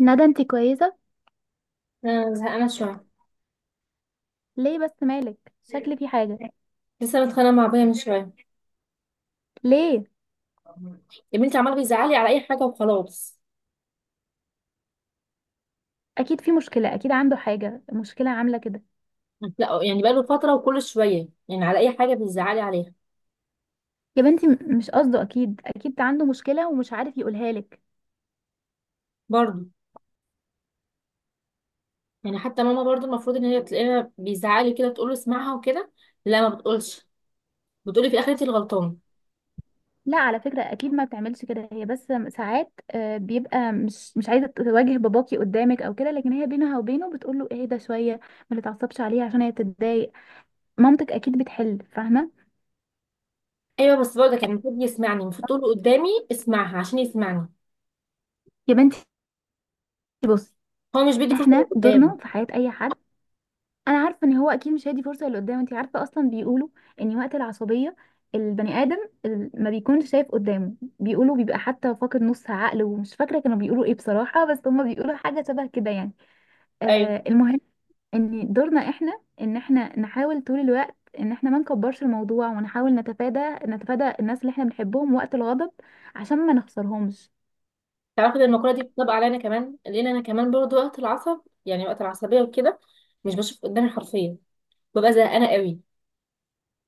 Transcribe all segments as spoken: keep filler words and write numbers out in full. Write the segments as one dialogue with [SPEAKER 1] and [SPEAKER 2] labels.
[SPEAKER 1] ندى، انت كويسة؟
[SPEAKER 2] انا زهقانه شويه.
[SPEAKER 1] ليه بس؟ مالك، شكل في حاجة.
[SPEAKER 2] لسه متخانقه مع ابويا من شويه.
[SPEAKER 1] ليه؟
[SPEAKER 2] يا بنتي، عمال بيزعلي على اي حاجه وخلاص.
[SPEAKER 1] اكيد في مشكلة، اكيد عنده حاجة، مشكلة عاملة كده.
[SPEAKER 2] لا، يعني بقاله فتره وكل شويه يعني على اي حاجه بيزعلي عليها.
[SPEAKER 1] يا بنتي، م- مش قصده، اكيد اكيد عنده مشكلة ومش عارف يقولها لك.
[SPEAKER 2] برضه. يعني حتى ماما برضه المفروض ان هي تلاقيها بيزعلي كده تقول له اسمعها وكده. لا، ما بتقولش. بتقولي في اخرتي الغلطان.
[SPEAKER 1] لا، على فكرة اكيد ما بتعملش كده هي، بس ساعات آه، بيبقى مش مش عايزة تواجه باباكي قدامك او كده، لكن هي بينها وبينه بتقول له اهدى شوية. ما تتعصبش عليها عشان هي تتضايق. مامتك اكيد بتحل، فاهمة؟
[SPEAKER 2] ايوه، بس برضه كان المفروض يسمعني، المفروض تقول له قدامي اسمعها عشان يسمعني.
[SPEAKER 1] يا بنتي. بصي،
[SPEAKER 2] هو مش بيدي فرصه
[SPEAKER 1] احنا دورنا
[SPEAKER 2] لقدام.
[SPEAKER 1] في حياة اي حد. انا عارفه ان هو اكيد مش هيدي فرصه اللي قدامه. انت عارفه، اصلا بيقولوا ان وقت العصبيه البني ادم ال- ما بيكونش شايف قدامه، بيقولوا بيبقى حتى فاقد نص عقله، ومش فاكره كانوا بيقولوا ايه بصراحه، بس هما بيقولوا حاجه شبه كده يعني.
[SPEAKER 2] ايوه.
[SPEAKER 1] آه المهم، ان دورنا احنا ان احنا نحاول طول الوقت ان احنا ما نكبرش الموضوع، ونحاول نتفادى نتفادى الناس اللي احنا بنحبهم وقت الغضب، عشان ما نخسرهمش.
[SPEAKER 2] تعرفي، ده المقوله دي بتطبق عليا انا كمان، لان انا كمان برضه وقت العصب يعني وقت العصبيه وكده مش بشوف قدامي حرفيا. ببقى زهقانه قوي.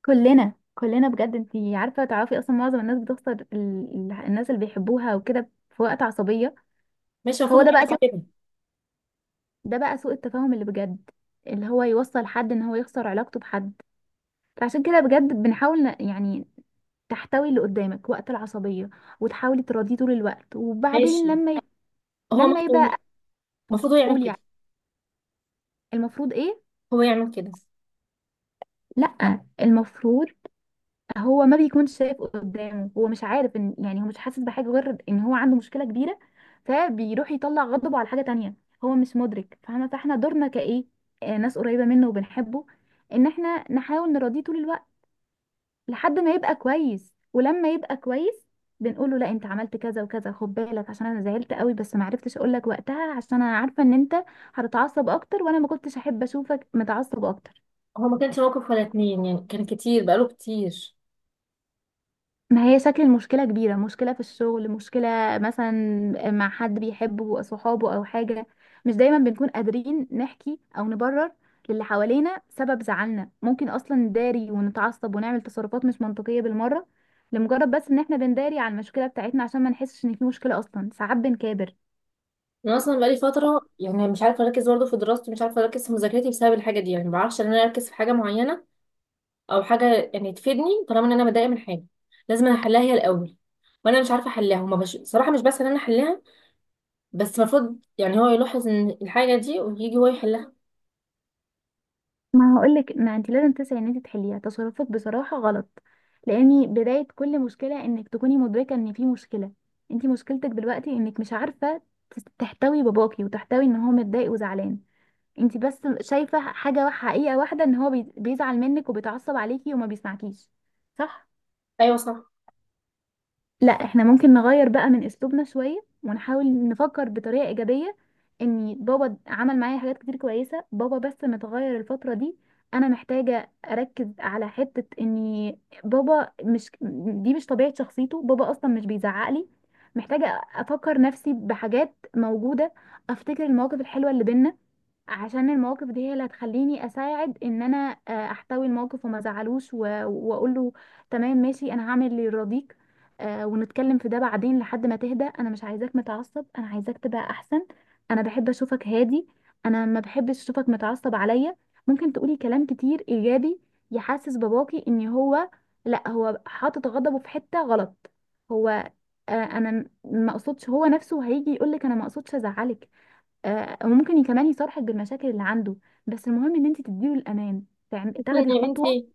[SPEAKER 1] كلنا كلنا بجد، انت عارفه، تعرفي اصلا معظم الناس بتخسر ال... ال- الناس اللي بيحبوها وكده في وقت عصبيه.
[SPEAKER 2] ماشي، المفروض
[SPEAKER 1] هو
[SPEAKER 2] هو
[SPEAKER 1] ده بقى
[SPEAKER 2] يعمل
[SPEAKER 1] سوء
[SPEAKER 2] كده.
[SPEAKER 1] ده بقى سوء التفاهم اللي بجد، اللي هو يوصل حد ان هو يخسر علاقته بحد. فعشان كده بجد بنحاول ن- يعني تحتوي اللي قدامك وقت العصبية، وتحاولي تراضيه طول الوقت. وبعدين
[SPEAKER 2] ماشي.
[SPEAKER 1] لما ي...
[SPEAKER 2] هو
[SPEAKER 1] لما
[SPEAKER 2] مكتوب.
[SPEAKER 1] يبقى،
[SPEAKER 2] المفروض هو يعمل
[SPEAKER 1] اقول
[SPEAKER 2] كده.
[SPEAKER 1] يعني، المفروض ايه؟
[SPEAKER 2] هو يعمل كده.
[SPEAKER 1] لا، المفروض هو ما بيكونش شايف قدامه، هو مش عارف ان يعني هو مش حاسس بحاجة غير ان هو عنده مشكلة كبيرة، فبيروح يطلع غضبه على حاجة تانية. هو مش مدرك، فاهمة؟ فاحنا دورنا كايه، آه، ناس قريبة منه وبنحبه، ان احنا نحاول نراضيه طول الوقت لحد ما يبقى كويس. ولما يبقى كويس بنقول له لا انت عملت كذا وكذا، خد بالك عشان انا زعلت قوي، بس ما عرفتش اقول لك وقتها عشان انا عارفه ان انت هتتعصب اكتر، وانا ما كنتش احب اشوفك متعصب اكتر.
[SPEAKER 2] هو ما كانش موقف ولا اتنين، يعني كان كتير بقاله كتير.
[SPEAKER 1] ما هي شكل المشكلة كبيرة، مشكلة في الشغل، مشكلة مثلا مع حد بيحبه، صحابه أو حاجة. مش دايما بنكون قادرين نحكي أو نبرر للي حوالينا سبب زعلنا، ممكن أصلا نداري ونتعصب ونعمل تصرفات مش منطقية بالمرة، لمجرد بس إن احنا بنداري على المشكلة بتاعتنا عشان ما نحسش إن في مشكلة، أصلا ساعات بنكابر.
[SPEAKER 2] انا اصلا بقالي فتره، يعني مش عارفه اركز برضه في دراستي، مش عارفه اركز في مذاكرتي بسبب الحاجه دي، يعني ما بعرفش ان انا اركز في حاجه معينه او حاجه يعني تفيدني طالما ان انا متضايقه من حاجه. لازم أنا احلها هي الاول. وانا مش عارفه احلها وما بش... صراحه مش بس ان انا احلها، بس المفروض يعني هو يلاحظ ان الحاجه دي ويجي هو يحلها.
[SPEAKER 1] ما هقولك، ما انت لازم تسعي ان انت تحليها. تصرفك بصراحة غلط، لاني بداية كل مشكلة انك تكوني مدركة ان في مشكلة. انت مشكلتك دلوقتي انك مش عارفة تس- تحتوي باباكي، وتحتوي ان هو متضايق وزعلان. انت بس شايفة حاجة حقيقة واحدة، ان هو بي- بيزعل منك وبيتعصب عليكي وما بيسمعكيش، صح؟
[SPEAKER 2] ايوه صح.
[SPEAKER 1] لا، احنا ممكن نغير بقى من اسلوبنا شوية ونحاول نفكر بطريقة ايجابية، ان بابا عمل معايا حاجات كتير كويسة، بابا بس متغير الفترة دي. انا محتاجة اركز على حتة ان بابا مش دي مش طبيعة شخصيته، بابا اصلا مش بيزعق لي. محتاجة افكر نفسي بحاجات موجودة، افتكر المواقف الحلوة اللي بينا، عشان المواقف دي هي اللي هتخليني اساعد ان انا آه، احتوي الموقف وما ازعلوش و- واقول له تمام ماشي انا هعمل اللي يرضيك. آه، ونتكلم في ده بعدين لحد ما تهدى، انا مش عايزاك متعصب، انا عايزاك تبقى احسن. انا بحب اشوفك هادي، انا ما بحبش اشوفك متعصب عليا. ممكن تقولي كلام كتير ايجابي يحسس باباكي ان هو لا هو حاطط غضبه في حتة غلط. هو آه، انا ما اقصدش، هو نفسه هيجي يقولك انا ما اقصدش ازعلك. آه، وممكن ي- كمان يصارحك بالمشاكل اللي عنده. بس المهم ان انت تديله الامان، تعم-
[SPEAKER 2] اصلا
[SPEAKER 1] تاخدي
[SPEAKER 2] يا
[SPEAKER 1] خطوه.
[SPEAKER 2] بنتي،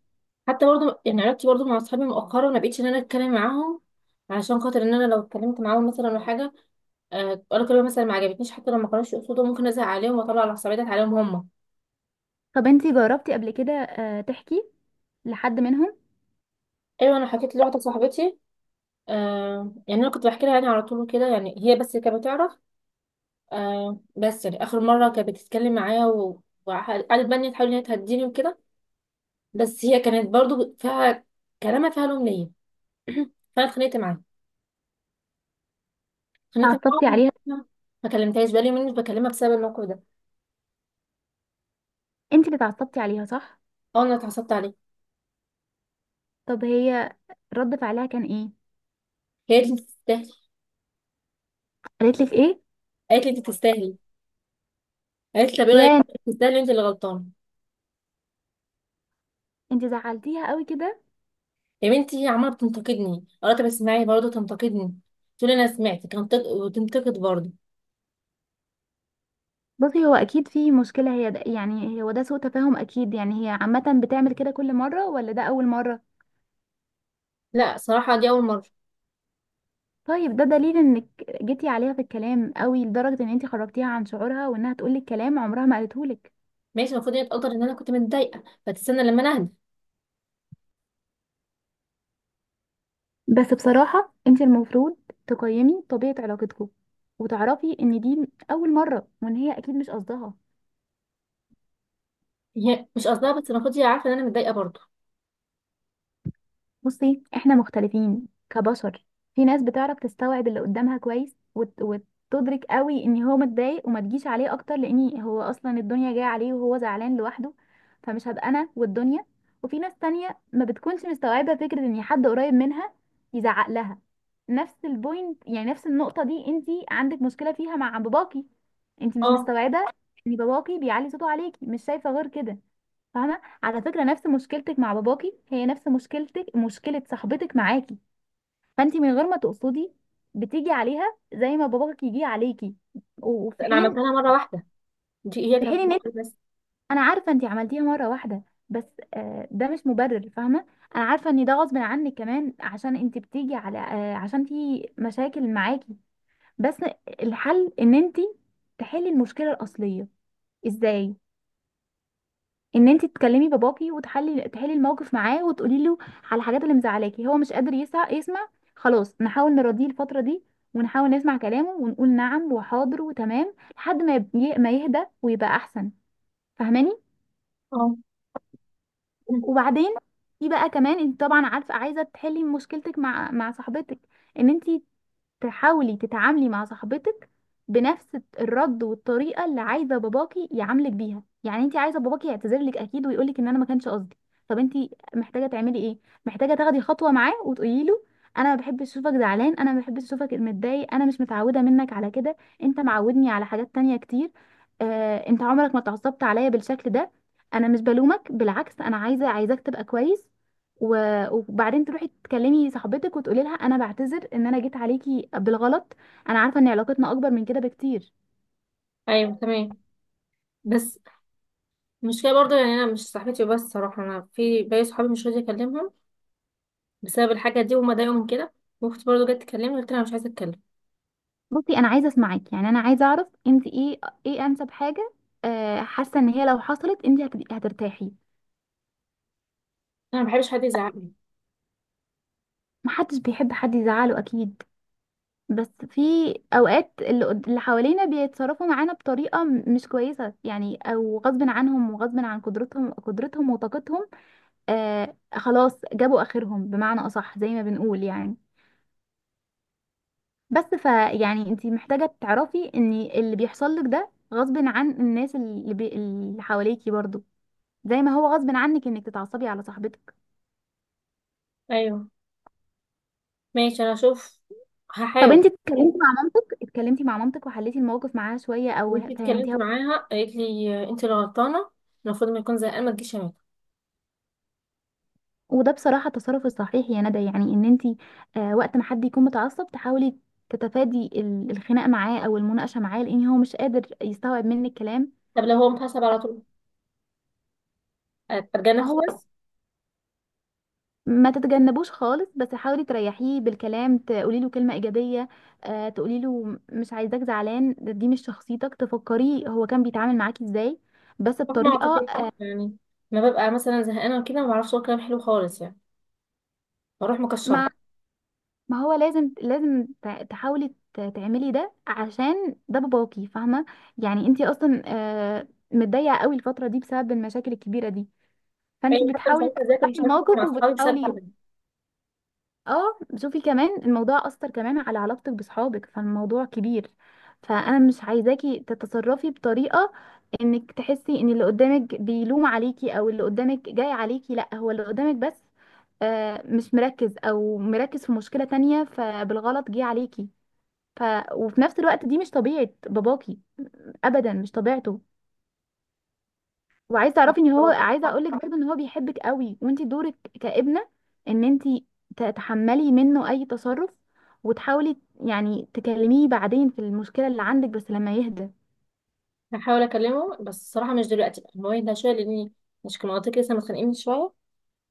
[SPEAKER 2] حتى برضه يعني علاقتي برضه مع اصحابي مؤخرا ما بقتش ان انا اتكلم معاهم، علشان خاطر ان انا لو اتكلمت معاهم مثلا ولا حاجه، آه، قالوا كلمه مثلا ما عجبتنيش، حتى لو ما كانوش يقصدوا ممكن ازعل عليهم واطلع العصبيه ديت عليهم هم.
[SPEAKER 1] طب انت جربتي قبل كده آه، تحكي لحد منهم؟
[SPEAKER 2] ايوه، انا حكيت لواحده صاحبتي. آه يعني انا كنت بحكي لها يعني على طول كده، يعني هي بس كانت بتعرف. آه بس يعني اخر مره كانت بتتكلم معايا و- وقعدت بقى ان هي تحاول ان هي تهديني وكده. بس هي كانت برضه فيها، كلامها فيها لوم ليا. فانا اتخانقت معاها. خانتها
[SPEAKER 1] تعصبتي
[SPEAKER 2] معاهم.
[SPEAKER 1] عليها.
[SPEAKER 2] ما كلمتهاش، بقالي يومين مش بكلمها بسبب الموقف ده.
[SPEAKER 1] انت اللي تعصبتي عليها، صح؟
[SPEAKER 2] اه، انا اتعصبت عليها.
[SPEAKER 1] طب هي رد فعلها كان ايه؟
[SPEAKER 2] هي قالت لي انت تستاهلي.
[SPEAKER 1] قالت لك ايه؟
[SPEAKER 2] قالت لي انت تستاهلي. قالت لي طب ايه رايك،
[SPEAKER 1] يا،
[SPEAKER 2] تستاهلي انت اللي غلطانه.
[SPEAKER 1] انت زعلتيها قوي كده.
[SPEAKER 2] يا بنتي، هي عماله بتنتقدني، قالت طب اسمعي، برضه تنتقدني، تقول انا سمعتك، هنتق- وتنتقد برضه.
[SPEAKER 1] بصي، هو اكيد في مشكله، هي ده يعني هو ده سوء تفاهم اكيد، يعني هي عامه بتعمل كده كل مره ولا ده اول مره؟
[SPEAKER 2] لا، صراحه دي اول مره.
[SPEAKER 1] طيب ده دليل انك جيتي عليها في الكلام قوي لدرجه ان انت خرجتيها عن شعورها وانها تقولك كلام عمرها ما قالته لك.
[SPEAKER 2] ماشي، المفروض هي تقدر ان انا كنت متضايقه فتستنى لما انا اهدى.
[SPEAKER 1] بس بصراحة انت المفروض تقيمي طبيعة علاقتكم، وتعرفي ان دي اول مرة وان هي اكيد مش قصدها.
[SPEAKER 2] هي مش قصدها، بس المفروض هي عارفه ان انا متضايقه برضه.
[SPEAKER 1] بصي، احنا مختلفين كبشر. في ناس بتعرف تستوعب اللي قدامها كويس وت... وتدرك قوي ان هو متضايق وما تجيش عليه اكتر، لان هو اصلا الدنيا جايه عليه وهو زعلان لوحده، فمش هبقى انا والدنيا. وفي ناس تانية ما بتكونش مستوعبة فكرة ان حد قريب منها يزعق لها. نفس البوينت يعني، نفس النقطة دي انتي عندك مشكلة فيها مع باباكي. انتي مش
[SPEAKER 2] اه،
[SPEAKER 1] مستوعبة ان باباكي بيعلي صوته عليكي، مش شايفة غير كده. فاهمه؟ على فكره نفس مشكلتك مع باباكي هي نفس مشكلتك مشكله صاحبتك معاكي. فانت من غير ما تقصدي بتيجي عليها زي ما باباك يجي عليكي. وفي
[SPEAKER 2] انا
[SPEAKER 1] حين
[SPEAKER 2] عملتها لها مره واحده. دي هي
[SPEAKER 1] في
[SPEAKER 2] كانت.
[SPEAKER 1] حين ان انت-
[SPEAKER 2] بس.
[SPEAKER 1] انا عارفه انت عملتيها مره واحده، بس آه، ده مش مبرر، فاهمه؟ انا عارفه ان ده غصب عنك كمان عشان انت بتيجي على، آه، عشان في مشاكل معاكي. بس الحل ان انت تحلي المشكله الاصليه. ازاي؟ ان انت تكلمي باباكي وتحلي تحلي الموقف معاه وتقولي له على الحاجات اللي مزعلاكي. هو مش قادر يسع... يسمع. خلاص نحاول نراضيه الفتره دي، ونحاول نسمع كلامه ونقول نعم وحاضر وتمام لحد ما يب- ما يهدى ويبقى احسن. فاهماني؟
[SPEAKER 2] اه.
[SPEAKER 1] وبعدين في بقى كمان انت طبعا عارفه عايزه تحلي مشكلتك مع مع صاحبتك، ان انت تحاولي تتعاملي مع صاحبتك بنفس الرد والطريقه اللي عايزه باباكي يعاملك بيها. يعني انت عايزه باباكي يعتذر لك اكيد ويقول لك ان انا ما كانش قصدي. طب انت محتاجه تعملي ايه؟ محتاجه تاخدي خطوه معاه وتقولي له انا ما بحبش اشوفك زعلان، انا ما بحبش اشوفك متضايق، انا مش متعوده منك على كده. انت معودني على حاجات تانية كتير. آه، انت عمرك ما اتعصبت عليا بالشكل ده. انا مش بلومك، بالعكس انا عايزه عايزاك تبقى كويس. و- وبعدين تروحي تكلمي صاحبتك وتقولي لها انا بعتذر ان انا جيت عليكي بالغلط، انا عارفه ان علاقتنا اكبر من كده بكتير.
[SPEAKER 2] ايوه تمام. بس المشكلة برضه، يعني أنا مش صاحبتي بس صراحة، أنا في باقي صحابي مش راضية أكلمهم بسبب الحاجة دي، وما ضايقهم كده. وأختي برضه جت تكلمني، قلت لها أنا مش عايزة أتكلم.
[SPEAKER 1] بصي، انا عايزه اسمعك، يعني انا عايزه اعرف انت ايه ايه انسب حاجه، آه، حاسه ان هي لو حصلت انت هتبقي هترتاحي.
[SPEAKER 2] أنا مبحبش حد يزعقني.
[SPEAKER 1] محدش بيحب حد يزعله اكيد. بس في اوقات اللي قد- اللي حوالينا بيتصرفوا معانا بطريقه م- مش كويسه، يعني او غصب عنهم وغصب عن قدرتهم قدرتهم وطاقتهم. آه خلاص جابوا اخرهم بمعنى اصح زي ما بنقول يعني. بس فيعني انت محتاجة تعرفي ان اللي بيحصل لك ده غصب عن الناس اللي, بي... اللي حواليكي برضو، زي ما هو غصب عنك انك تتعصبي على صاحبتك.
[SPEAKER 2] أيوه. ماشي، أنا أشوف.
[SPEAKER 1] طب
[SPEAKER 2] هحاول.
[SPEAKER 1] انت اتكلمتي مع مامتك اتكلمتي مع مامتك وحليتي الموقف معاها شوية، او
[SPEAKER 2] جيت
[SPEAKER 1] ه-
[SPEAKER 2] اتكلمت
[SPEAKER 1] فهمتيها؟
[SPEAKER 2] معاها، قالت لي أنت اللي غلطانة، المفروض ما يكون زهقان ما تجيش هنا.
[SPEAKER 1] وده بصراحة التصرف الصحيح يا ندى، يعني ان انت آه وقت ما حد يكون متعصب تحاولي تتفادي ال- الخناق معاه او المناقشة معاه، لان هو مش قادر يستوعب منك كلام.
[SPEAKER 2] طب لو هو متعصب على طول أتجنب
[SPEAKER 1] هو
[SPEAKER 2] خالص؟
[SPEAKER 1] ما تتجنبوش خالص، بس حاولي تريحيه بالكلام، تقولي له كلمة إيجابية. آه تقولي له مش عايزاك زعلان، ده- دي مش شخصيتك، تفكريه هو كان بيتعامل معاكي إزاي، بس
[SPEAKER 2] طب ما
[SPEAKER 1] بطريقة.
[SPEAKER 2] أعتقدش، يعني ما ببقى مثلا زهقانة وكده ما بعرفش أقول كلام حلو خالص، يعني بروح مكشرة.
[SPEAKER 1] ما ما هو لازم لازم تع- تحاولي ت- تعملي ده عشان ده باباكي، فاهمة؟ يعني انتي أصلا آه متضايقة قوي الفترة دي بسبب المشاكل الكبيرة دي، فانتي
[SPEAKER 2] أيوة، حتى مش
[SPEAKER 1] بتحاولي
[SPEAKER 2] عارفة أذاكر،
[SPEAKER 1] تصلحي
[SPEAKER 2] مش عارفة أخرج مع
[SPEAKER 1] الموقف
[SPEAKER 2] أصحابي بسبب
[SPEAKER 1] وبتحاولي. اه، شوفي كمان الموضوع اثر كمان على علاقتك بصحابك، فالموضوع كبير. فانا مش عايزاكي تتصرفي بطريقه انك تحسي ان اللي قدامك بيلوم عليكي او اللي قدامك جاي عليكي، لا هو اللي قدامك بس آه، مش مركز او مركز في مشكله تانية، فبالغلط جه عليكي. ف... وفي نفس الوقت دي مش طبيعه باباكي، ابدا مش طبيعته. وعايزه تعرفي ان هو،
[SPEAKER 2] كده.
[SPEAKER 1] عايزه اقول لك برضه ان هو بيحبك قوي، وانت دورك كابنه ان انت تتحملي منه اي تصرف، وتحاولي يعني تكلميه بعدين في المشكله اللي عندك بس لما يهدى.
[SPEAKER 2] هحاول اكلمه بس الصراحه مش دلوقتي، بقى هو يهدى شويه، لاني مش كان منطقي لسه متخانقين شويه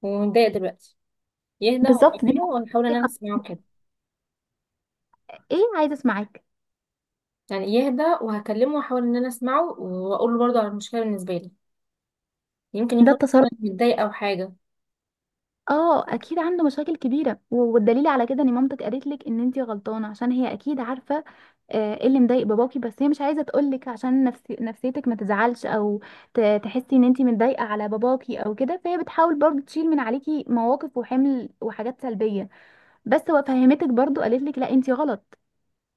[SPEAKER 2] ومتضايق دلوقتي. يهدى
[SPEAKER 1] بالظبط، دي
[SPEAKER 2] وهكلمه وهحاول ان انا
[SPEAKER 1] نصيحة.
[SPEAKER 2] اسمعه كده.
[SPEAKER 1] ايه؟ عايزه اسمعك.
[SPEAKER 2] يعني يهدى وهكلمه واحاول ان انا اسمعه واقول له برضه على المشكله بالنسبه لي، يمكن
[SPEAKER 1] ده
[SPEAKER 2] يكون
[SPEAKER 1] التصرف.
[SPEAKER 2] أصلاً متضايق او حاجه.
[SPEAKER 1] اه، اكيد عنده مشاكل كبيره، و- والدليل على كده ان مامتك قالت لك ان انتي غلطانه عشان هي اكيد عارفه آه، ايه اللي مضايق باباكي، بس هي مش عايزه تقول لك عشان نفسي نفسيتك ما تزعلش، او ت- تحسي ان انتي متضايقه على باباكي او كده، فهي بتحاول برضو تشيل من عليكي مواقف وحمل وحاجات سلبيه. بس هو فهمتك برضو قالت لك لا انتي غلط،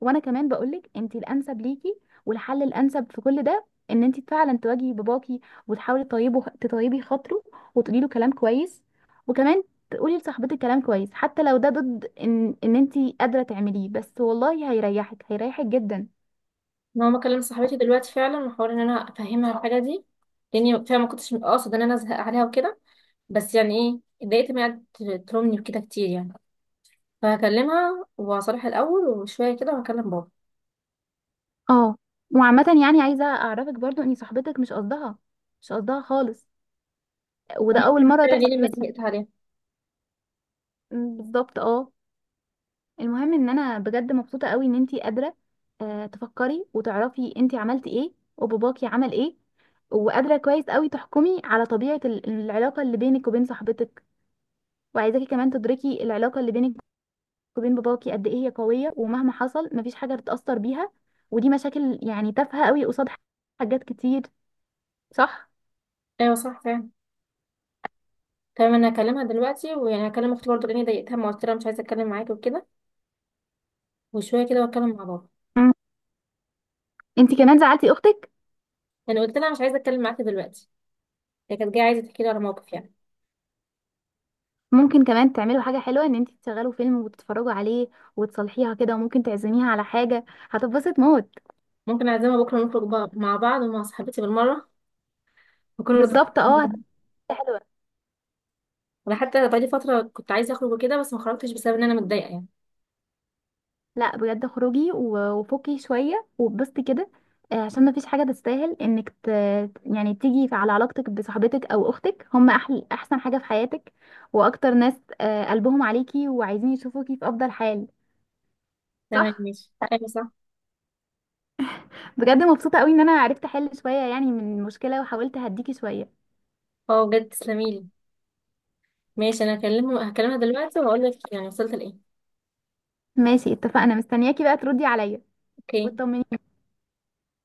[SPEAKER 1] وانا كمان بقولك انت الانسب ليكي. والحل الانسب في كل ده ان انت فعلا تواجهي باباكي، وتحاولي تطيبه تطيبي خاطره وتقولي له كلام كويس. وكمان تقولي لصاحبتك كلام كويس حتى لو ده ضد ان ان انت قادره تعمليه، بس والله هيريحك هيريحك جدا.
[SPEAKER 2] ان هو مكلم صاحبتي دلوقتي فعلا، واحاول ان انا افهمها الحاجه دي، لاني فعلا ما كنتش اقصد ان انا ازهق عليها وكده، بس يعني ايه، اتضايقت من قعدت تلومني وكده كتير يعني. فهكلمها وهصالحها الاول، وشويه كده وهكلم بابا.
[SPEAKER 1] اه، وعامه يعني عايزه اعرفك برضو ان صاحبتك مش قصدها، مش قصدها خالص، وده اول
[SPEAKER 2] ممكن
[SPEAKER 1] مره
[SPEAKER 2] اتكلم
[SPEAKER 1] تحصل
[SPEAKER 2] ليه لما
[SPEAKER 1] منها.
[SPEAKER 2] زهقت عليها.
[SPEAKER 1] م، بالظبط، اه. المهم ان انا بجد مبسوطه قوي ان انتي قادره آه، تفكري وتعرفي انتي عملتي ايه وباباكي عمل ايه، وقادره كويس قوي تحكمي على طبيعه ال- العلاقه اللي بينك وبين صاحبتك. وعايزاكي كمان تدركي العلاقه اللي بينك وبين باباكي قد ايه هي قويه، ومهما حصل مفيش حاجه تتاثر بيها. ودي مشاكل يعني تافهه قوي قصاد حاجات كتير، صح؟
[SPEAKER 2] ايوه صح فعلا. تمام، انا هكلمها دلوقتي، ويعني هكلم اختي برضه لاني ضايقتها، ما قلت لها مش عايزه اتكلم معاكي وكده، وشويه كده واتكلم مع بابا.
[SPEAKER 1] مم. انتي كمان زعلتي اختك.
[SPEAKER 2] يعني قلت لها مش عايزه اتكلم معاكي دلوقتي، هي كانت جايه عايزه تحكي لي على موقف يعني.
[SPEAKER 1] ممكن كمان تعملوا حاجه حلوه، ان انتي تشغلوا فيلم وتتفرجوا عليه وتصلحيها كده، وممكن تعزميها على حاجه، هتتبسط موت.
[SPEAKER 2] ممكن اعزمها بكره نخرج بقى مع بعض ومع صاحبتي بالمره، وكل رضا.
[SPEAKER 1] بالظبط، اه، هتبقى حلوه.
[SPEAKER 2] انا حتى بقالي فتره كنت عايزه اخرج وكده، بس ما خرجتش بسبب ان انا متضايقه يعني.
[SPEAKER 1] لا بجد، خروجي و- وفكي شويه وبسطي كده. آه، عشان ما فيش حاجه تستاهل انك ت... يعني تيجي على علاقتك بصاحبتك او اختك، هم أحل... احسن حاجه في حياتك، واكتر ناس آه، قلبهم عليكي وعايزين يشوفوكي في افضل حال،
[SPEAKER 2] تمام
[SPEAKER 1] صح؟
[SPEAKER 2] ماشي، ايوه صح.
[SPEAKER 1] بجد مبسوطه قوي ان انا عرفت احل شويه يعني من المشكله وحاولت اهديكي شويه.
[SPEAKER 2] اه بجد تسلميلي. ماشي، انا هكلمه، هكلمها دلوقتي وهقول لك يعني وصلت لايه.
[SPEAKER 1] ماشي، اتفقنا، مستنياكي بقى تردي عليا
[SPEAKER 2] اوكي.
[SPEAKER 1] وتطمنيني.